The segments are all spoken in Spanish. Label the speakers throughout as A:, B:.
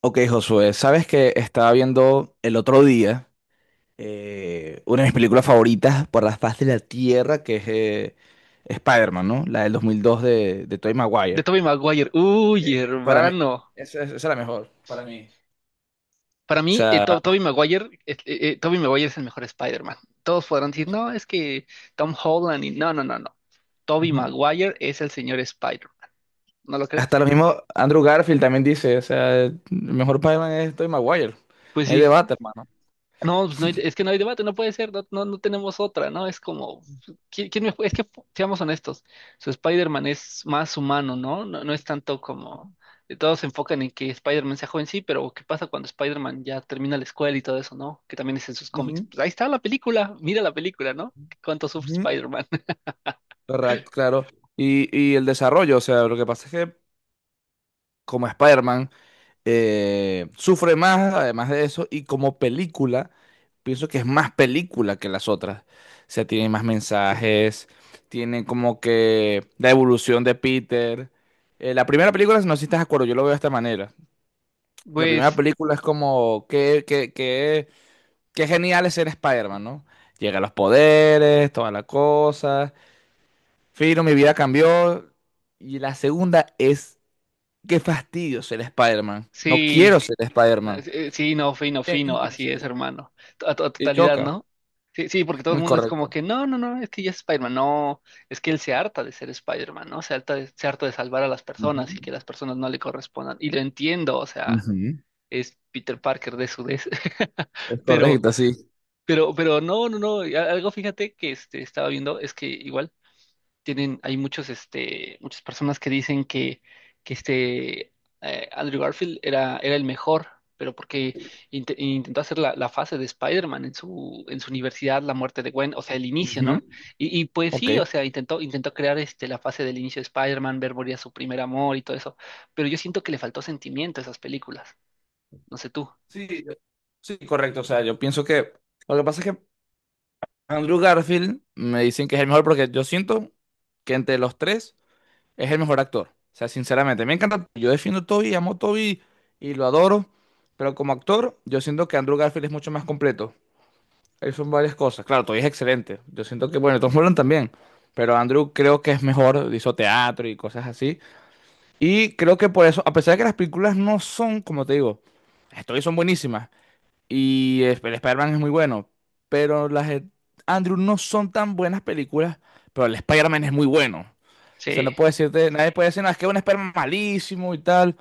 A: Ok, Josué, sabes que estaba viendo el otro día una de mis películas favoritas por la faz de la Tierra, que es Spider-Man, ¿no? La del 2002 de Tobey
B: De
A: Maguire.
B: Tobey Maguire. Uy,
A: Para mí,
B: hermano.
A: esa es la mejor, para mí. O
B: Para mí,
A: sea,
B: Tobey Maguire es el mejor Spider-Man. Todos podrán decir, no, es que Tom Holland y no, no, no, no. Tobey
A: ujú.
B: Maguire es el señor Spider. ¿No lo crees?
A: Hasta lo mismo Andrew Garfield también dice, o sea, el mejor Spider-Man es Tobey Maguire.
B: Pues
A: No hay
B: sí.
A: debate, hermano.
B: No, pues es que no hay debate, no puede ser, no, no, no tenemos otra, ¿no? Es como, ¿quién mejor? Es que, seamos honestos, su Spider-Man es más humano, ¿no? No, no es tanto como, todos se enfocan en que Spider-Man sea joven, sí, pero ¿qué pasa cuando Spider-Man ya termina la escuela y todo eso, ¿no? Que también es en sus cómics.
A: Ujú,
B: Pues ahí está la película, mira la película, ¿no? ¿Cuánto sufre
A: ujú.
B: Spider-Man?
A: Correcto, claro. Y el desarrollo, o sea, lo que pasa es que como Spider-Man sufre más además de eso y como película, pienso que es más película que las otras. O sea, tiene más mensajes, tiene como que la evolución de Peter. La primera película, si no sé si estás de acuerdo, yo lo veo de esta manera. La primera
B: Pues
A: película es como que genial es ser Spider-Man, ¿no? Llega a los poderes, toda la cosa. Fino, mi vida cambió. Y la segunda es, qué fastidio ser Spider-Man. No
B: sí.
A: quiero ser Spider-Man.
B: Sí, no, fino,
A: Bien,
B: fino,
A: quiere
B: así
A: ser.
B: es, hermano. A
A: Y
B: totalidad,
A: choca.
B: ¿no? Sí, sí, porque todo el
A: Muy
B: mundo es como
A: correcto.
B: que, no, no, no, es que ya es Spider-Man, no, es que él se harta de ser Spider-Man, ¿no? Se harta de salvar a las personas
A: Ujú,
B: y que las personas no le correspondan. Y lo entiendo, o sea,
A: ujú.
B: es Peter Parker de su vez.
A: Es
B: Pero,
A: correcto, sí.
B: pero no, no, no, y algo fíjate que este, estaba viendo, es que igual tienen, hay muchos, este, muchas personas que dicen que este Andrew Garfield era el mejor, pero porque intentó hacer la fase de Spider-Man en su universidad, la muerte de Gwen, o sea, el inicio,
A: Ujú.
B: ¿no? Y pues
A: Ok.
B: sí, o sea, intentó crear este, la fase del inicio de Spider-Man, ver morir a su primer amor y todo eso, pero yo siento que le faltó sentimiento a esas películas, no sé tú.
A: Sí, sí, correcto. O sea, yo pienso que lo que pasa es que Andrew Garfield me dicen que es el mejor porque yo siento que entre los tres es el mejor actor. O sea, sinceramente, me encanta. Yo defiendo a Toby, amo a Toby y lo adoro. Pero como actor, yo siento que Andrew Garfield es mucho más completo. Ahí son varias cosas. Claro, Toy es excelente. Yo siento que, bueno, Tom Holland también. Pero Andrew creo que es mejor, hizo teatro y cosas así. Y creo que por eso, a pesar de que las películas no son, como te digo, las de Toy son buenísimas. Y el Spider-Man es muy bueno. Pero las de Andrew no son tan buenas películas. Pero el Spider-Man es muy bueno. O sea, no
B: Sí.
A: puede decirte, nadie puede decir, no, es que es un Spider-Man malísimo y tal.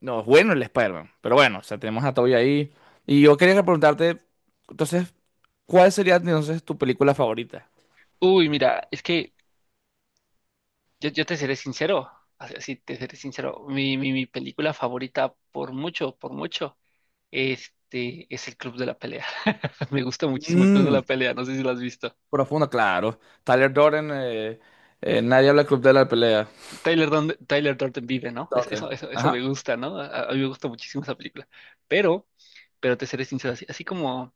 A: No, es bueno el Spider-Man. Pero bueno, o sea, tenemos a Toby ahí. Y yo quería preguntarte, entonces, ¿cuál sería entonces tu película favorita?
B: Uy, mira, es que yo te seré sincero, así te seré sincero. Mi película favorita, por mucho, este, es El Club de la Pelea. Me gusta muchísimo El Club de
A: Mm,
B: la Pelea, no sé si lo has visto.
A: Profundo, claro. Tyler Durden, nadie habla del Club de la Pelea.
B: Tyler Durden vive, ¿no? Eso,
A: Durden.
B: eso, eso me
A: Ajá.
B: gusta, ¿no? A mí me gusta muchísimo esa película. Pero, pero te seré sincero, así, así como.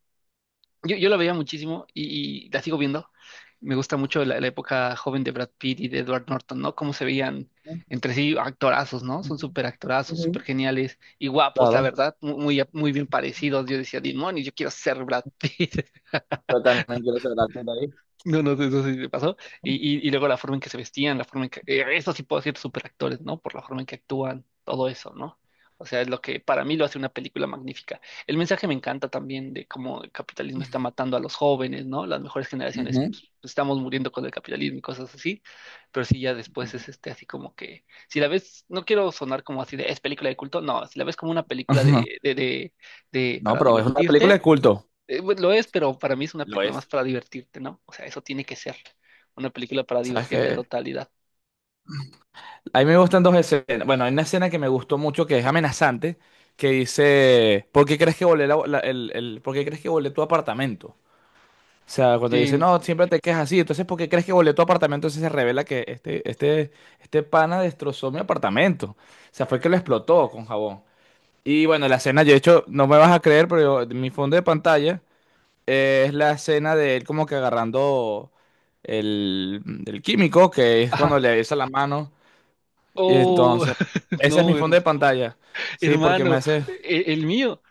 B: Yo la veía muchísimo y la sigo viendo. Me gusta mucho la época joven de Brad Pitt y de Edward Norton, ¿no? Cómo se veían
A: Ujú,
B: entre sí actorazos, ¿no? Son súper actorazos,
A: ujú,
B: súper geniales y guapos, la
A: claro.
B: verdad, muy, muy, bien parecidos. Yo decía, Dimoni, yo quiero ser Brad Pitt.
A: Yo también quiero ser actor de ahí.
B: No, no, eso sí me pasó. Y, y luego la forma en que se vestían, la forma en que. Eso sí puedo decir superactores, ¿no? Por la forma en que actúan, todo eso, ¿no? O sea, es lo que para mí lo hace una película magnífica. El mensaje me encanta también de cómo el capitalismo está matando a los jóvenes, ¿no? Las mejores generaciones
A: Ujú,
B: pues, estamos muriendo con el capitalismo y cosas así. Pero sí, ya después
A: ujú.
B: es este así como que. Si la ves, no quiero sonar como así de es película de culto, no, si la ves como una película de, de, de, de
A: No,
B: para
A: pero es una película
B: divertirte
A: de culto.
B: pues, lo es, pero para mí es una
A: Lo
B: película más
A: es.
B: para divertirte, ¿no? O sea, eso tiene que ser una película para
A: ¿Sabes
B: divertirte a
A: qué?
B: totalidad.
A: A mí me gustan dos escenas. Bueno, hay una escena que me gustó mucho que es amenazante, que dice: ¿Por qué crees que volé? ¿Por qué crees que volé tu apartamento? O sea, cuando dice,
B: Sí,
A: no, siempre te quejas así, entonces, ¿por qué crees que volé tu apartamento? Entonces se revela que este pana destrozó mi apartamento. O sea, fue que lo explotó con jabón. Y bueno, la escena, yo de hecho, no me vas a creer, pero mi fondo de pantalla es la escena de él como que agarrando el, el químico, que es cuando
B: ajá.
A: le besa la mano. Y
B: Oh,
A: entonces, ese es
B: no,
A: mi fondo de pantalla. Sí, porque me
B: hermano,
A: hace.
B: el, mío,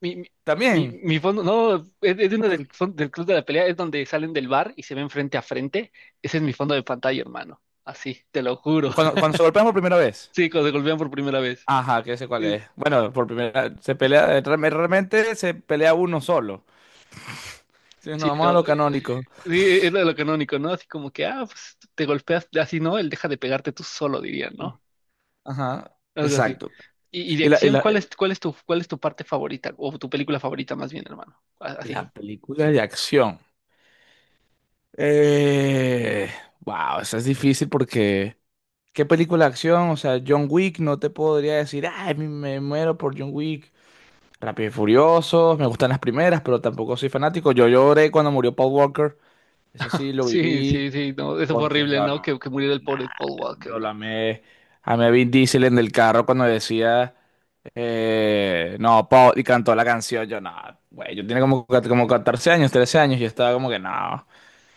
B: mi, mi, mi-
A: También,
B: mi fondo, no, es de uno del Club de la Pelea, es donde salen del bar y se ven frente a frente. Ese es mi fondo de pantalla, hermano. Así, te lo juro.
A: cuando, cuando se golpean por primera vez.
B: Sí, cuando se golpean por primera vez.
A: Ajá, que sé cuál
B: Eh,
A: es. Bueno, por primera se pelea, realmente se pelea uno solo. Si nos
B: Sí,
A: vamos a lo
B: no,
A: canónico.
B: sí, es lo canónico, ¿no? Así como que, ah, pues te golpeas, así no, él deja de pegarte tú solo, diría, ¿no?
A: Ajá,
B: Algo así.
A: exacto.
B: Y de
A: Y la, y
B: acción,
A: la,
B: ¿cuál es tu parte favorita? O tu película favorita, más bien, hermano. Así.
A: la película de acción. Eh, wow, esa es difícil porque. ¿Qué película de acción? O sea, John Wick, no te podría decir, ay, me muero por John Wick. Rápido y Furiosos, me gustan las primeras, pero tampoco soy fanático. Yo lloré cuando murió Paul Walker, eso sí lo
B: Sí, sí,
A: viví,
B: sí, no, eso fue
A: porque
B: horrible,
A: yo,
B: ¿no?
A: nah,
B: Que muriera el pobre Paul Walker,
A: yo lo
B: ¿no?
A: amé, amé a Vin Diesel en el carro cuando decía, no, Paul, y cantó la canción, yo no, güey, yo tenía como 14 años, 13 años, y estaba como que no,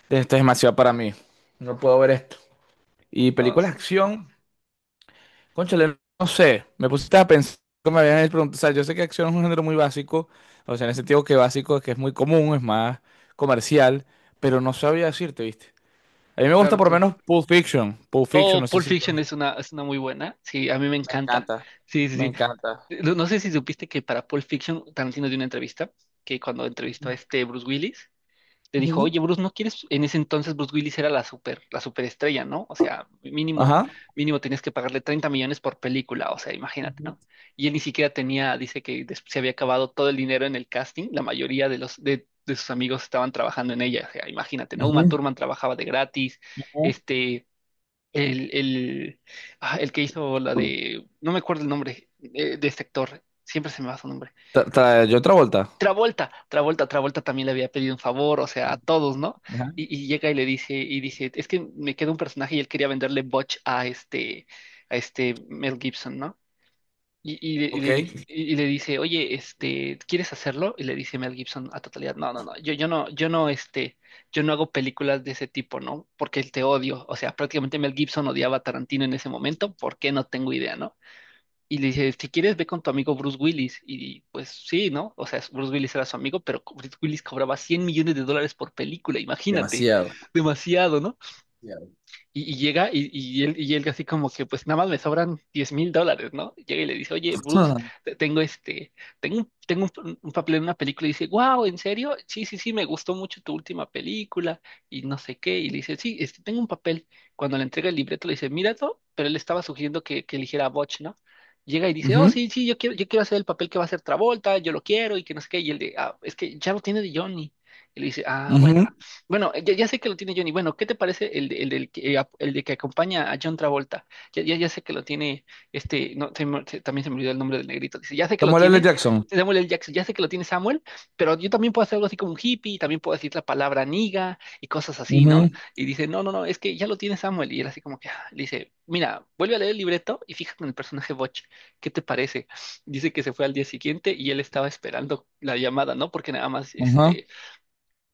A: esto es demasiado para mí, no puedo ver esto. Y
B: No, sí,
A: películas de acción. Cónchale, no sé, me pusiste a pensar, que me habían preguntado, o sea, yo sé que acción es un género muy básico, o sea, en el sentido que básico es que es muy común, es más comercial, pero no sabía decirte, ¿viste? A mí me gusta
B: claro,
A: por lo
B: claro.
A: menos Pulp Fiction, Pulp Fiction,
B: Oh,
A: no sé
B: Pulp
A: si...
B: Fiction es una muy buena. Sí, a mí me
A: Me
B: encanta.
A: encanta,
B: Sí, sí,
A: me encanta.
B: sí. No, no sé si supiste que para Pulp Fiction Tarantino dio una entrevista, que cuando entrevistó a este Bruce Willis, le dijo,
A: Ujú.
B: oye, Bruce, ¿no quieres? En ese entonces Bruce Willis era la superestrella, ¿no? O sea, mínimo,
A: Ajá.
B: mínimo tenías que pagarle 30 millones por película, o sea, imagínate,
A: Ujú.
B: ¿no? Y él ni siquiera tenía, dice que se había acabado todo el dinero en el casting, la mayoría de sus amigos estaban trabajando en ella, o sea, imagínate, ¿no? Uma
A: Ujú.
B: Thurman trabajaba de gratis, este, el, el, el que hizo la de, no me acuerdo el nombre de este actor, siempre se me va su nombre.
A: Yo otra vuelta.
B: Travolta también le había pedido un favor, o sea, a todos, ¿no?
A: Ajá.
B: Y llega y le dice, y dice, es que me queda un personaje y él quería venderle Butch a este Mel Gibson, ¿no? Y, y le, y
A: Ok.
B: le di- y- y le dice, oye, este, ¿quieres hacerlo? Y le dice Mel Gibson a totalidad, no, no, no, yo no hago películas de ese tipo, ¿no? Porque te odio. O sea, prácticamente Mel Gibson odiaba a Tarantino en ese momento, ¿por qué? No tengo idea, ¿no? Y le dice, si quieres, ve con tu amigo Bruce Willis. Y pues sí, ¿no? O sea, Bruce Willis era su amigo, pero Bruce Willis cobraba 100 millones de dólares por película, imagínate. Demasiado, ¿no? Y llega y él así como que pues nada más me sobran 10,000 dólares, ¿no? Llega y le dice, oye, Bruce,
A: Ah.
B: tengo este, un papel en una película y dice, wow, ¿en serio? Sí, sí, sí, me gustó mucho tu última película y no sé qué. Y le dice, sí, este, tengo un papel. Cuando le entrega el libreto le dice, míralo, pero él estaba sugiriendo que eligiera a Butch, ¿no? Llega y dice, oh,
A: Ujú,
B: sí, sí, yo quiero hacer el papel que va a hacer Travolta, yo lo quiero y que no sé qué. Y él de, ah, es que ya lo tiene de Johnny. Y le dice, ah, bueno.
A: ujú.
B: Bueno, ya sé que lo tiene Johnny. Bueno, ¿qué te parece el de que acompaña a John Travolta? Ya sé que lo tiene, este, no, también se me olvidó el nombre del negrito. Dice, ya sé que lo
A: Samuel L.
B: tiene
A: Jackson.
B: Samuel L. Jackson, ya sé que lo tiene Samuel, pero yo también puedo hacer algo así como un hippie, también puedo decir la palabra niga y cosas así,
A: Ujú,
B: ¿no? Y dice, no, no, no, es que ya lo tiene Samuel. Y él así como que ah, le dice, mira, vuelve a leer el libreto y fíjate en el personaje Butch, ¿qué te parece? Dice que se fue al día siguiente y él estaba esperando la llamada, ¿no? Porque nada más,
A: ujú,
B: este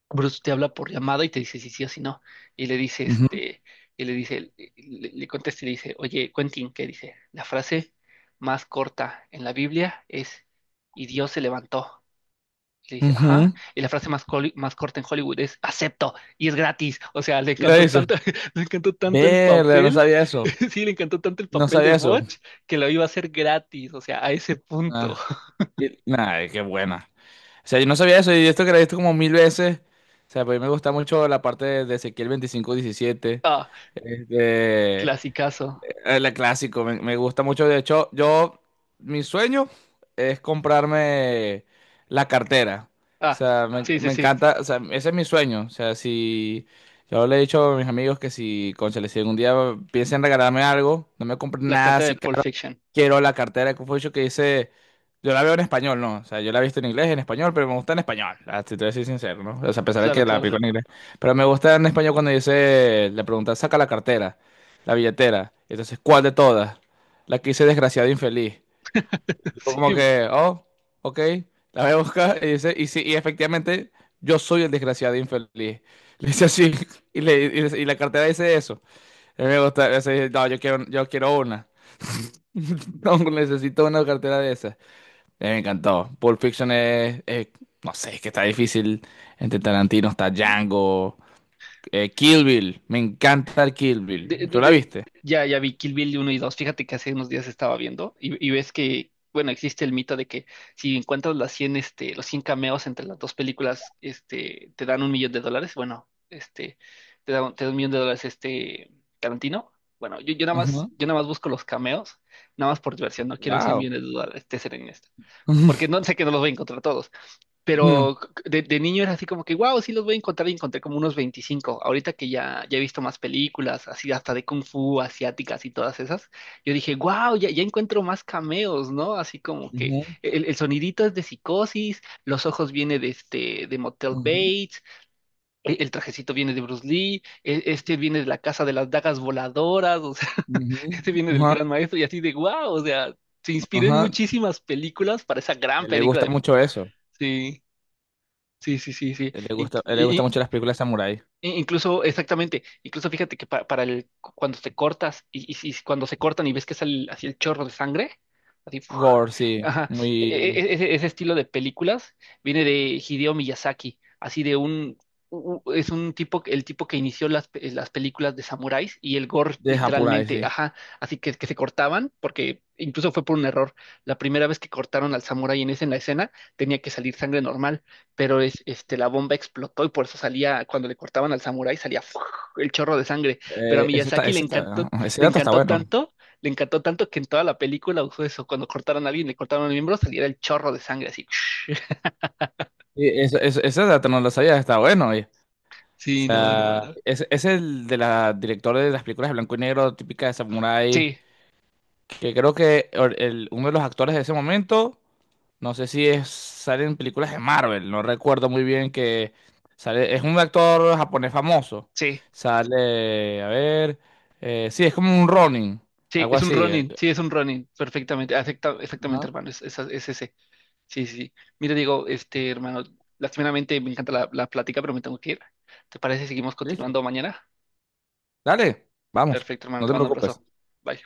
B: Bruce te habla por llamada y te dice si sí o si no. Y le dice,
A: ujú,
B: este, le contesta y le dice, oye, Quentin, ¿qué dice? La frase más corta en la Biblia es, y Dios se levantó. Y le dice, ajá.
A: ujú.
B: Y la frase más corta en Hollywood es, acepto, y es gratis. O sea, le
A: La
B: encantó
A: hizo.
B: tanto, le encantó tanto el
A: Verga, no
B: papel,
A: sabía eso.
B: sí, le encantó tanto el
A: No
B: papel de
A: sabía eso.
B: Butch que lo iba a hacer gratis. O sea, a ese punto.
A: Ah, ay, qué buena. O sea, yo no sabía eso y esto que lo he visto como mil veces. O sea, pues a mí me gusta mucho la parte de Ezequiel 25:17.
B: Ah,
A: Este,
B: clasicazo.
A: el clásico, me gusta mucho. De hecho, yo, mi sueño es comprarme la cartera. O
B: Ah,
A: sea, me,
B: sí, sí,
A: me
B: sí.
A: encanta, o sea, ese es mi sueño. O sea, si yo le he dicho a mis amigos que si, cónchale, si algún día piensan regalarme algo, no me compren
B: La
A: nada
B: carta de
A: así
B: Pulp Fiction.
A: quiero la cartera de Confucio que dice, yo la veo en español, ¿no? O sea, yo la he visto en inglés, en español, pero me gusta en español, ah, si te voy a decir sincero, ¿no? O sea, a pesar de
B: Claro,
A: que la pico
B: claro.
A: en inglés. Pero me gusta en español cuando dice, le pregunta, saca la cartera, la billetera. Entonces, ¿cuál de todas? La que dice desgraciado e infeliz. Y fue
B: Sí.
A: como que, oh, ok, la voy a buscar. Y dice, y sí, y efectivamente, yo soy el desgraciado e infeliz. Le dice así, y la cartera dice eso. A mí me gusta, eso dije, no, yo quiero, una. No, necesito una cartera de esas. Me encantó. Pulp Fiction es, no sé, es que está difícil. Entre Tarantino está Django. Kill Bill, me encanta el Kill Bill.
B: De-
A: ¿Tú
B: de-
A: la
B: de-
A: viste?
B: ya vi Kill Bill uno y dos. Fíjate que hace unos días estaba viendo y ves que, bueno, existe el mito de que si encuentras los 100 cameos entre las dos películas, este, te dan un millón de dólares. Bueno, este, te da un millón de dólares este Tarantino. Bueno, yo, yo nada más,
A: Ajá.
B: yo nada más busco los cameos, nada más por diversión, no quiero el 100
A: Wow.
B: millones de dólares, te seré honesto. Porque no sé que no los voy a encontrar todos,
A: No.
B: pero de niño era así como que, wow, sí los voy a encontrar y encontré como unos 25. Ahorita que ya he visto más películas, así hasta de Kung Fu, asiáticas y todas esas, yo dije, wow, ya encuentro más cameos, ¿no? Así como que
A: Ujú,
B: el sonidito es de Psicosis, los ojos viene de, este, de Motel
A: ujú,
B: Bates, el trajecito viene de Bruce Lee, este viene de la casa de las dagas voladoras, o sea,
A: ujú,
B: este viene del
A: ajá,
B: gran maestro y así de, wow, o sea, se inspiró en
A: ajá. A
B: muchísimas películas para esa gran
A: él le
B: película
A: gusta
B: de.
A: mucho eso.
B: Sí. Sí, sí, sí, sí.
A: A Él le gusta, a él le gusta mucho las películas de samurái.
B: Incluso, exactamente, incluso fíjate que para el, cuando te cortas y cuando se cortan y ves que sale así el chorro de sangre, así, ¡fua!
A: Gore, sí.
B: Ajá, e- e-
A: Muy
B: e, ese, ese estilo de películas viene de Hideo Miyazaki, así de un, es un tipo, el tipo que inició las películas de samuráis y el gore
A: de Japurai,
B: literalmente,
A: sí.
B: ajá, así que se cortaban, porque incluso fue por un error. La primera vez que cortaron al samurái en esa en la escena, tenía que salir sangre normal pero la bomba explotó y por eso salía, cuando le cortaban al samurái, salía ¡fua! El chorro de sangre. Pero a
A: Eh, ese, está-
B: Miyazaki
A: ese, está- ese
B: le
A: dato está
B: encantó
A: bueno.
B: tanto, le encantó tanto que en toda la película usó eso. Cuando cortaron a alguien, le cortaron el miembro, salía el chorro de sangre así.
A: Sí, ese dato no lo sabía, está bueno. Oye. O
B: Sí, no, no,
A: sea,
B: no.
A: es el de la directora de las películas de blanco y negro típica de samurái
B: Sí,
A: que creo que uno de los actores de ese momento, no sé si es, sale en películas de Marvel, no recuerdo muy bien que sale, es un actor japonés famoso.
B: sí,
A: Sale, a ver, sí, es como un Ronin,
B: sí,
A: algo
B: es un
A: así.
B: Ronin, sí, es un Ronin, perfectamente, exactamente,
A: Ajá,
B: hermano, es ese. Sí, sí. Sí. Mira, digo, este, hermano, lastimeramente me encanta la plática, pero me tengo que ir. ¿Te parece si seguimos
A: listo.
B: continuando mañana?
A: Dale, vamos,
B: Perfecto, hermano,
A: no
B: te
A: te
B: mando un abrazo.
A: preocupes.
B: Bye.